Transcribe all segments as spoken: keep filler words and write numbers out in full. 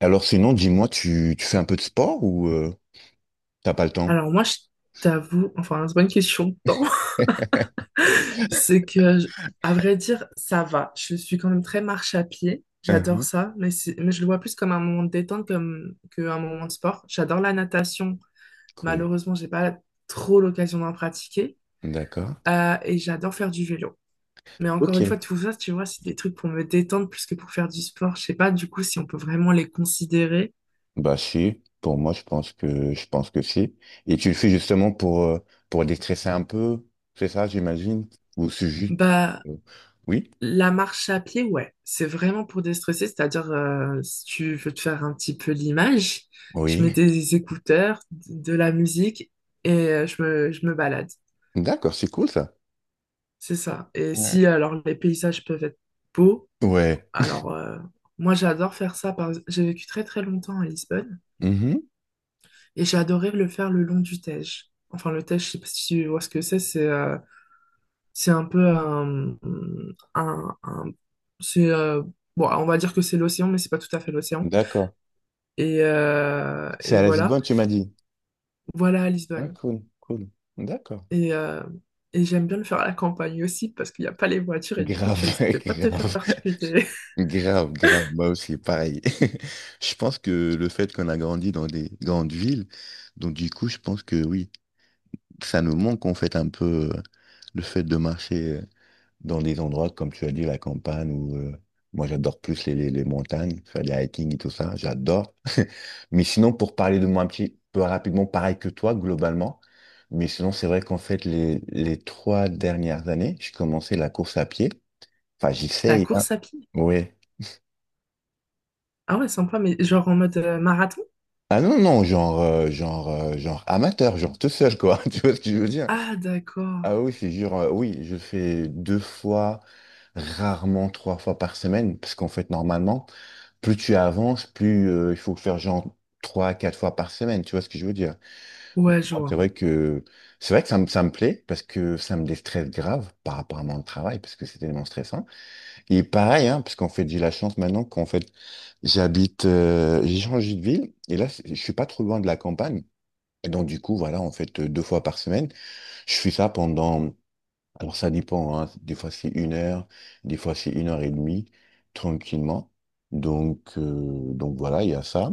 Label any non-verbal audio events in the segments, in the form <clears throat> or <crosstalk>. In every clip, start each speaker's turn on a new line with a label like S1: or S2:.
S1: Alors sinon, dis-moi, tu, tu fais un peu de sport ou euh, t'as pas le temps?
S2: Alors moi, je t'avoue, enfin, c'est pas une question de temps, <laughs>
S1: <laughs>
S2: c'est que, je- à vrai dire, ça va. Je suis quand même très marche à pied. J'adore
S1: Mhm.
S2: ça, mais, c'est- mais je le vois plus comme un moment de détente comme qu'un moment de sport. J'adore la natation.
S1: Cool.
S2: Malheureusement, j'ai pas trop l'occasion d'en pratiquer.
S1: D'accord.
S2: Euh, et j'adore faire du vélo. Mais encore
S1: Ok.
S2: une fois, tout ça, tu vois, c'est des trucs pour me détendre plus que pour faire du sport. Je sais pas, du coup, si on peut vraiment les considérer.
S1: Bah si, pour moi, je pense que je pense que si. Et tu le fais justement pour euh, pour déstresser un peu, c'est ça, j'imagine? Ou c'est juste pour.
S2: Bah,
S1: euh, Oui?
S2: la marche à pied, ouais, c'est vraiment pour déstresser, c'est-à-dire euh, si tu veux te faire un petit peu l'image, je mets
S1: Oui.
S2: des écouteurs, de la musique et euh, je me, je me balade.
S1: D'accord, c'est cool ça.
S2: C'est ça. Et
S1: Ouais.
S2: si alors les paysages peuvent être beaux,
S1: Ouais.
S2: alors euh, moi j'adore faire ça. Par... J'ai vécu très très longtemps à Lisbonne
S1: Mhm.
S2: et j'ai adoré le faire le long du Tage. Enfin le Tage, je sais pas si tu vois ce que c'est, c'est euh, c'est un peu un, un, un- c'est euh, bon, on va dire que c'est l'océan, mais c'est pas tout à fait l'océan.
S1: D'accord.
S2: Et, euh,
S1: C'est
S2: et
S1: à
S2: voilà.
S1: Lisbonne, tu m'as dit.
S2: Voilà à
S1: Ah,
S2: Lisbonne.
S1: cool, cool. D'accord.
S2: Et, euh, et j'aime bien le faire à la campagne aussi parce qu'il n'y a pas les voitures et du coup,
S1: Grave,
S2: tu
S1: <laughs>
S2: risques pas de te faire
S1: grave.
S2: percuter. <laughs>
S1: Grave, grave, moi aussi, pareil. <laughs> Je pense que le fait qu'on a grandi dans des grandes villes, donc du coup, je pense que oui, ça nous manque en fait un peu euh, le fait de marcher euh, dans des endroits, comme tu as dit, la campagne, ou euh, moi j'adore plus les, les, les montagnes, faire des hiking et tout ça, j'adore. <laughs> Mais sinon, pour parler de moi un petit peu rapidement, pareil que toi, globalement, mais sinon, c'est vrai qu'en fait, les, les trois dernières années, j'ai commencé la course à pied. Enfin,
S2: La
S1: j'essaye, hein.
S2: course à pied.
S1: Ouais.
S2: Ah ouais, sympa, mais genre en mode euh, marathon?
S1: Ah non, non, genre, euh, genre, euh, genre amateur, genre tout seul, quoi. <laughs> Tu vois ce que je veux dire?
S2: Ah d'accord.
S1: Ah oui, c'est genre, euh, oui, je fais deux fois, rarement trois fois par semaine, parce qu'en fait, normalement, plus tu avances, plus euh, il faut faire genre trois, quatre fois par semaine, tu vois ce que je veux dire? Mais
S2: Ouais, je
S1: moi, c'est
S2: vois.
S1: vrai que, c'est vrai que ça me, ça me plaît, parce que ça me déstresse grave par rapport à mon travail, parce que c'est tellement stressant. Et pareil, hein, parce qu'en fait, j'ai la chance maintenant qu'en fait, j'habite, euh, j'ai changé de ville, et là, c'est- je suis pas trop loin de la campagne. Et donc, du coup, voilà, en fait, euh, deux fois par semaine, je fais ça pendant, alors ça dépend, hein. Des fois c'est une heure, des fois c'est une heure et demie, tranquillement. Donc, euh, donc voilà, il y a ça.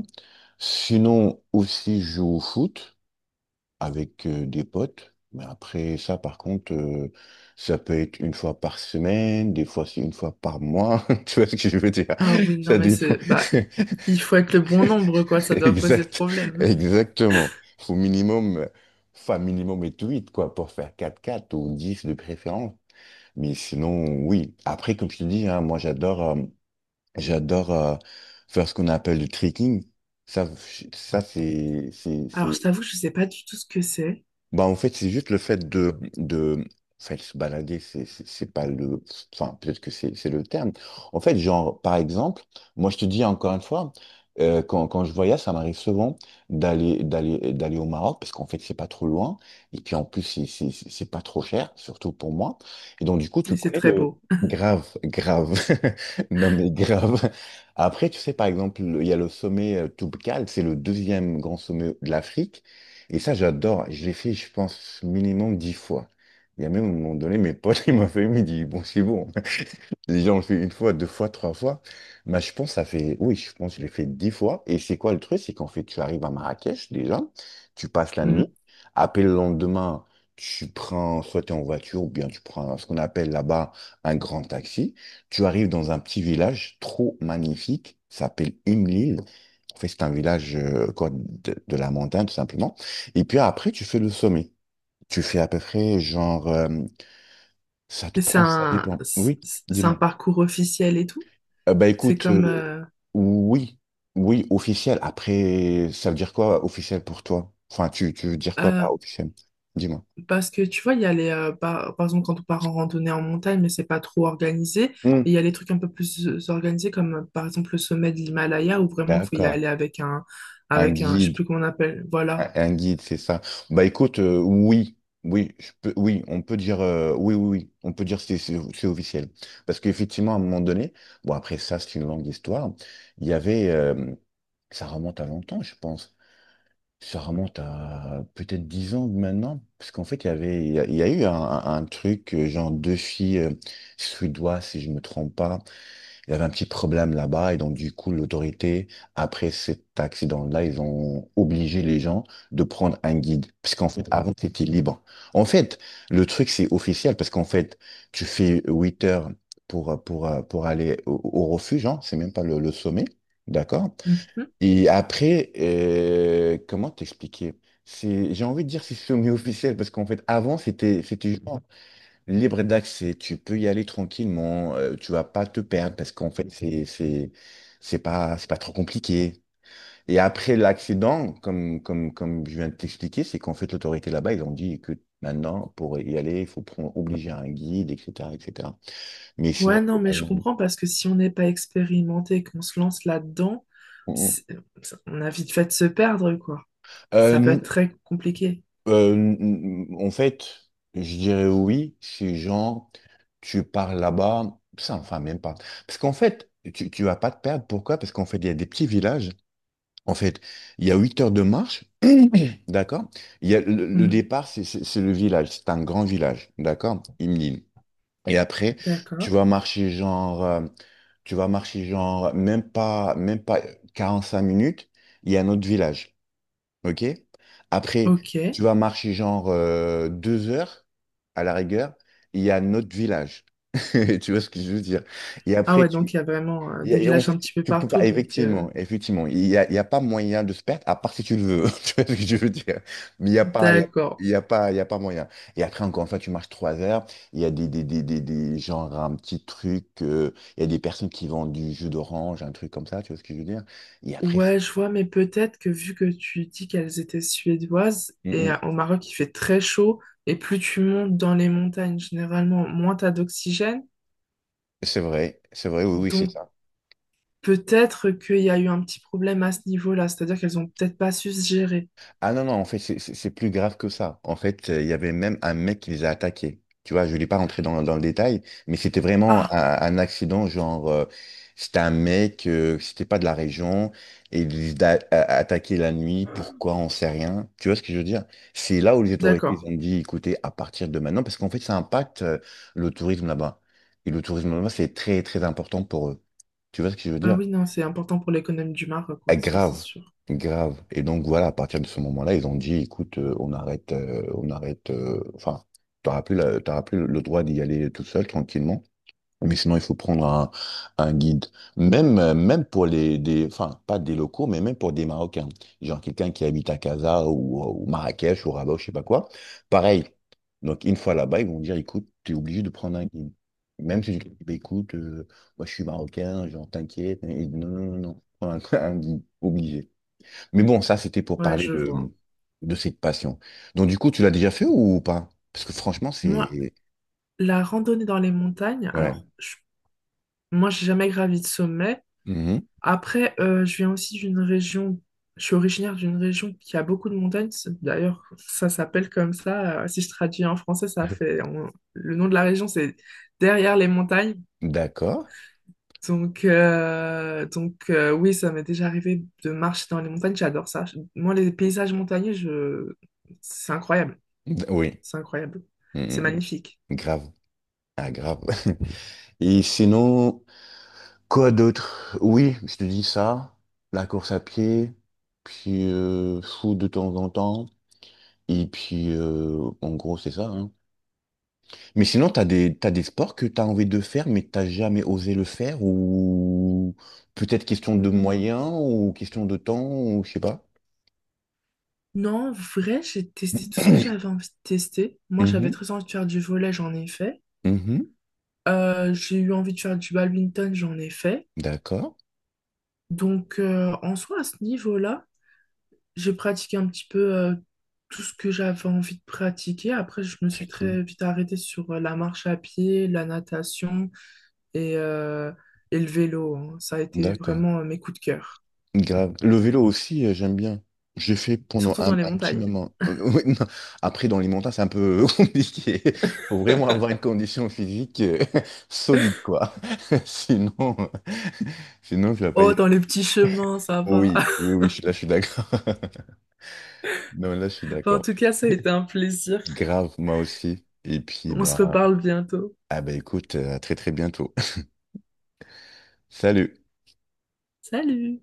S1: Sinon, aussi, je joue au foot avec euh, des potes. Mais après ça, par contre, euh, ça peut être une fois par semaine, des fois c'est une fois par mois. <laughs> Tu vois ce que je veux dire?
S2: Ah oui, non,
S1: Ça
S2: mais
S1: dépend.
S2: c'est... Bah,
S1: <laughs>
S2: il faut être le bon nombre, quoi. Ça doit poser
S1: Exact, <laughs>
S2: problème.
S1: exactement. Faut minimum, euh, enfin minimum et huit quoi, pour faire quatre quatre ou dix de préférence. Mais sinon, oui. Après, comme je te dis, hein, moi j'adore euh, j'adore euh, faire ce qu'on appelle le trekking. Ça, je- ça c'est c'est-
S2: Alors, je
S1: c'est-
S2: t'avoue, je sais pas du tout ce que c'est.
S1: bah, en fait, c'est juste le fait de, de, enfin, se balader, c'est c'est- c'est pas le, enfin, peut-être que c'est c'est le terme. En fait, genre, par exemple, moi, je te dis encore une fois, euh, quand, quand je voyage, ça m'arrive souvent d'aller, d'aller, d'aller au Maroc, parce qu'en fait, c'est pas trop loin, et puis en plus, c'est c'est- c'est- c'est pas trop cher, surtout pour moi. Et donc, du coup, tu
S2: Mais c'est
S1: connais
S2: très
S1: le.
S2: beau. <laughs>
S1: Grave, grave, <laughs> non mais grave. Après, tu sais, par exemple, il y a le sommet euh, Toubkal, c'est le deuxième grand sommet de l'Afrique. Et ça, j'adore. Je l'ai fait, je pense, minimum dix fois. Il y a même un moment donné, mes potes, <laughs> ils m'ont fait, ils m'ont dit, bon, c'est bon. Les gens le fait une fois, deux fois, trois fois. Bah, je pense que ça fait, oui, je pense que je l'ai fait dix fois. Et c'est quoi le truc? C'est qu'en fait, tu arrives à Marrakech déjà, tu passes la nuit.
S2: Mhm.
S1: Après le lendemain, tu prends, soit tu es en voiture ou bien tu prends ce qu'on appelle là-bas un grand taxi. Tu arrives dans un petit village trop magnifique, ça s'appelle Imlil. En fait, c'est un village euh, quoi, de, de la montagne, tout simplement. Et puis après, tu fais le sommet. Tu fais à peu près genre, euh, ça te
S2: Et C'est
S1: prend, ça
S2: un,
S1: dépend.
S2: c'est
S1: Oui,
S2: c'est un
S1: dis-moi.
S2: parcours officiel et tout.
S1: Euh, bah
S2: C'est
S1: écoute, euh,
S2: comme... euh,
S1: oui, oui, officiel. Après, ça veut dire quoi officiel pour toi? Enfin, tu, tu veux dire quoi
S2: euh,
S1: par officiel? Dis-moi.
S2: Parce que tu vois, il y a les, euh, par, par exemple, quand on part en randonnée en montagne, mais c'est pas trop organisé. Et
S1: Hmm,
S2: il y a les trucs un peu plus euh, organisés, comme euh, par exemple le sommet de l'Himalaya, où vraiment il faut y
S1: d'accord.
S2: aller avec un,
S1: Un
S2: avec un, je sais
S1: guide,
S2: plus comment on appelle, voilà.
S1: un, un guide, c'est ça. Bah écoute, euh, oui, oui, je peux, oui, on peut dire, euh, oui, oui, oui, on peut dire c'est c'est c'est officiel. Parce qu'effectivement, à un moment donné, bon après ça, c'est une longue histoire. Il y avait, euh, Ça remonte à longtemps, je pense. Ça remonte à peut-être dix ans maintenant, parce qu'en fait, il y avait, il y a, il y a eu un, un- un truc, euh, genre deux filles euh, suédoises, si je me trompe pas. Il y avait un petit problème là-bas, et donc, du coup, l'autorité, après cet accident-là, ils ont obligé les gens de prendre un guide, parce qu'en fait, avant, c'était libre. En fait, le truc, c'est officiel, parce qu'en fait, tu fais huit heures pour, euh, pour, euh, pour aller au, au refuge, hein, c'est même pas le, le sommet, d'accord?
S2: Mhm.
S1: Et après, euh, comment t'expliquer? C'est, j'ai envie de dire que c'est semi-officiel parce qu'en fait, avant, c'était, c'était genre libre d'accès. Tu peux y aller tranquillement. Euh, tu vas pas te perdre parce qu'en fait, c'est, c'est, c'est pas, c'est pas trop compliqué. Et après l'accident, comme, comme, comme je viens de t'expliquer, c'est qu'en fait, l'autorité là-bas, ils ont dit que maintenant, pour y aller, il faut prendre, obliger un guide, et cetera, et cetera. Mais sinon,
S2: Ouais, non, mais je
S1: globalement.
S2: comprends parce que si on n'est pas expérimenté et qu'on se lance là-dedans,
S1: Mm, mm.
S2: c'est- on a vite fait de se perdre, quoi. Ça peut
S1: Euh,
S2: être très compliqué.
S1: Euh, n- n- En fait, je dirais oui, si genre tu pars là-bas, ça enfin même pas. Parce qu'en fait, tu, tu vas pas te perdre. Pourquoi? Parce qu'en fait, il y a des petits villages. En fait, il y a huit heures de marche, <clears throat> d'accord? Il y a le, le
S2: Mhm.
S1: départ, c'est c'est- c'est le village, c'est un grand village, d'accord? Imnin. Et après, tu
S2: D'accord.
S1: vas marcher genre, euh, tu vas marcher genre même pas, même pas quarante-cinq minutes, il y a un autre village. OK? Après, tu
S2: Ok.
S1: vas marcher genre euh, deux heures à la rigueur, il y a notre village. <laughs> Tu vois ce que je veux dire? Et
S2: Ah
S1: après,
S2: ouais,
S1: tu.
S2: donc il y a vraiment euh,
S1: Il
S2: des
S1: y a- en
S2: villages
S1: fait,
S2: un petit peu
S1: tu peux
S2: partout,
S1: pas,
S2: donc euh,
S1: effectivement, effectivement, il y a, il y a pas moyen de se perdre, à part si tu le veux, <laughs> tu vois ce que je veux dire. Mais il n'y a pas, il y a,
S2: d'accord.
S1: il y a pas, il y a pas moyen. Et après, encore une fois, tu marches trois heures, il y a des, des, des, des, des- genre un petit truc, euh, il y a des personnes qui vendent du jus d'orange, un truc comme ça, tu vois ce que je veux dire. Et après, c'est
S2: Ouais, je vois, mais peut-être que vu que tu dis qu'elles étaient suédoises,
S1: mm,
S2: et euh,
S1: mm.
S2: au Maroc, il fait très chaud, et plus tu montes dans les montagnes, généralement, moins t'as d'oxygène.
S1: C'est vrai, c'est vrai, oui, oui, c'est
S2: Donc
S1: ça.
S2: peut-être qu'il y a eu un petit problème à ce niveau-là, c'est-à-dire qu'elles ont peut-être pas su se gérer.
S1: Ah non, non, en fait, c'est c'est- c'est plus grave que ça. En fait, euh, il y avait même un mec qui les a attaqués. Tu vois, je ne vais pas rentrer dans, dans le détail, mais c'était vraiment
S2: Ah,
S1: un, un accident, genre, euh, c'était un mec, euh, c'était pas de la région, et il les a a- attaqués la nuit, pourquoi, on sait rien. Tu vois ce que je veux dire? C'est là où les autorités
S2: d'accord.
S1: ils ont dit, écoutez, à partir de maintenant, parce qu'en fait, ça impacte euh, le tourisme là-bas. Et le tourisme là-bas, c'est très, très important pour eux. Tu vois ce que je veux
S2: Ah
S1: dire?
S2: oui, non, c'est important pour l'économie du Maroc,
S1: Ah,
S2: quoi, ça c'est
S1: grave,
S2: sûr.
S1: grave. Et donc voilà, à partir de ce moment-là, ils ont dit, écoute, euh, on arrête, euh, on arrête. euh, enfin, t'auras plus la- t'auras plus le droit d'y aller tout seul, tranquillement. Mais sinon, il faut prendre un, un guide. Même, euh, même pour les, des, enfin, pas des locaux, mais même pour des Marocains. Genre quelqu'un qui habite à Casa ou, ou Marrakech ou Rabat, ou je sais pas quoi. Pareil. Donc, une fois là-bas, ils vont dire, écoute, tu es obligé de prendre un guide. Même si je dis, bah, écoute, euh, moi je suis marocain, genre t'inquiète. Ils disent, non, non, non, non, un, <laughs> un guide, obligé. Mais bon, ça, c'était pour
S2: Ouais,
S1: parler
S2: je vois.
S1: de, de cette passion. Donc, du coup, tu l'as déjà fait ou pas? Parce que franchement,
S2: Moi,
S1: c'est.
S2: la randonnée dans les montagnes,
S1: Ouais.
S2: alors, je- moi, j'ai jamais gravi de sommet.
S1: Mhm.
S2: Après, euh, je viens aussi d'une région, je suis originaire d'une région qui a beaucoup de montagnes. C'est- D'ailleurs, ça s'appelle comme ça. Euh, si je traduis en français, ça fait, on- le nom de la région, c'est derrière les montagnes.
S1: D'accord.
S2: Donc, euh, donc euh, oui, ça m'est déjà arrivé de marcher dans les montagnes. J'adore ça. Je- Moi, les paysages montagneux, je... c'est incroyable.
S1: Oui,
S2: C'est incroyable.
S1: mm,
S2: C'est
S1: mm,
S2: magnifique.
S1: mm. Grave. Ah, grave. <laughs> Et sinon, quoi d'autre? Oui, je te dis ça, la course à pied, puis euh, foot de temps en temps, et puis euh, en gros, c'est ça, hein. Mais sinon, t'as des, t'as des sports que t'as envie de faire, mais t'as jamais osé le faire, ou peut-être question de
S2: Hum,
S1: moyens, ou question de temps, ou je sais pas.
S2: Non, en vrai, j'ai testé tout ce que j'avais
S1: <clears throat>
S2: envie de tester. Moi, j'avais
S1: Mhm,
S2: très envie de faire du volet, j'en ai fait.
S1: mhm.
S2: Euh, j'ai eu envie de faire du badminton, j'en ai fait.
S1: D'accord,
S2: Donc, euh, en soi, à ce niveau-là, j'ai pratiqué un petit peu euh, tout ce que j'avais envie de pratiquer. Après, je me suis
S1: c'est cool.
S2: très vite arrêtée sur euh, la marche à pied, la natation et, euh, et le vélo, hein. Ça a été
S1: D'accord.
S2: vraiment euh, mes coups de cœur,
S1: Grave. Le vélo aussi, euh, j'aime bien. J'ai fait pendant
S2: surtout
S1: un,
S2: dans les
S1: un petit
S2: montagnes.
S1: moment. <laughs> Ouais, non. Après, dans les montagnes, c'est un peu <laughs> compliqué. Il faut vraiment avoir une condition physique euh, <laughs> solide, quoi. <laughs> Sinon, euh, sinon, tu vas pas y
S2: Oh,
S1: aller.
S2: dans les petits chemins, ça va. <laughs>
S1: Oui, oui, oui, je- là, je suis d'accord. <laughs> Non, là, je suis
S2: Enfin, en
S1: d'accord.
S2: tout cas, ça a été un plaisir.
S1: Grave, moi aussi. Et puis,
S2: On se
S1: bah,
S2: reparle bientôt.
S1: ah bah écoute, euh, à très, très bientôt. <laughs> Salut.
S2: Salut!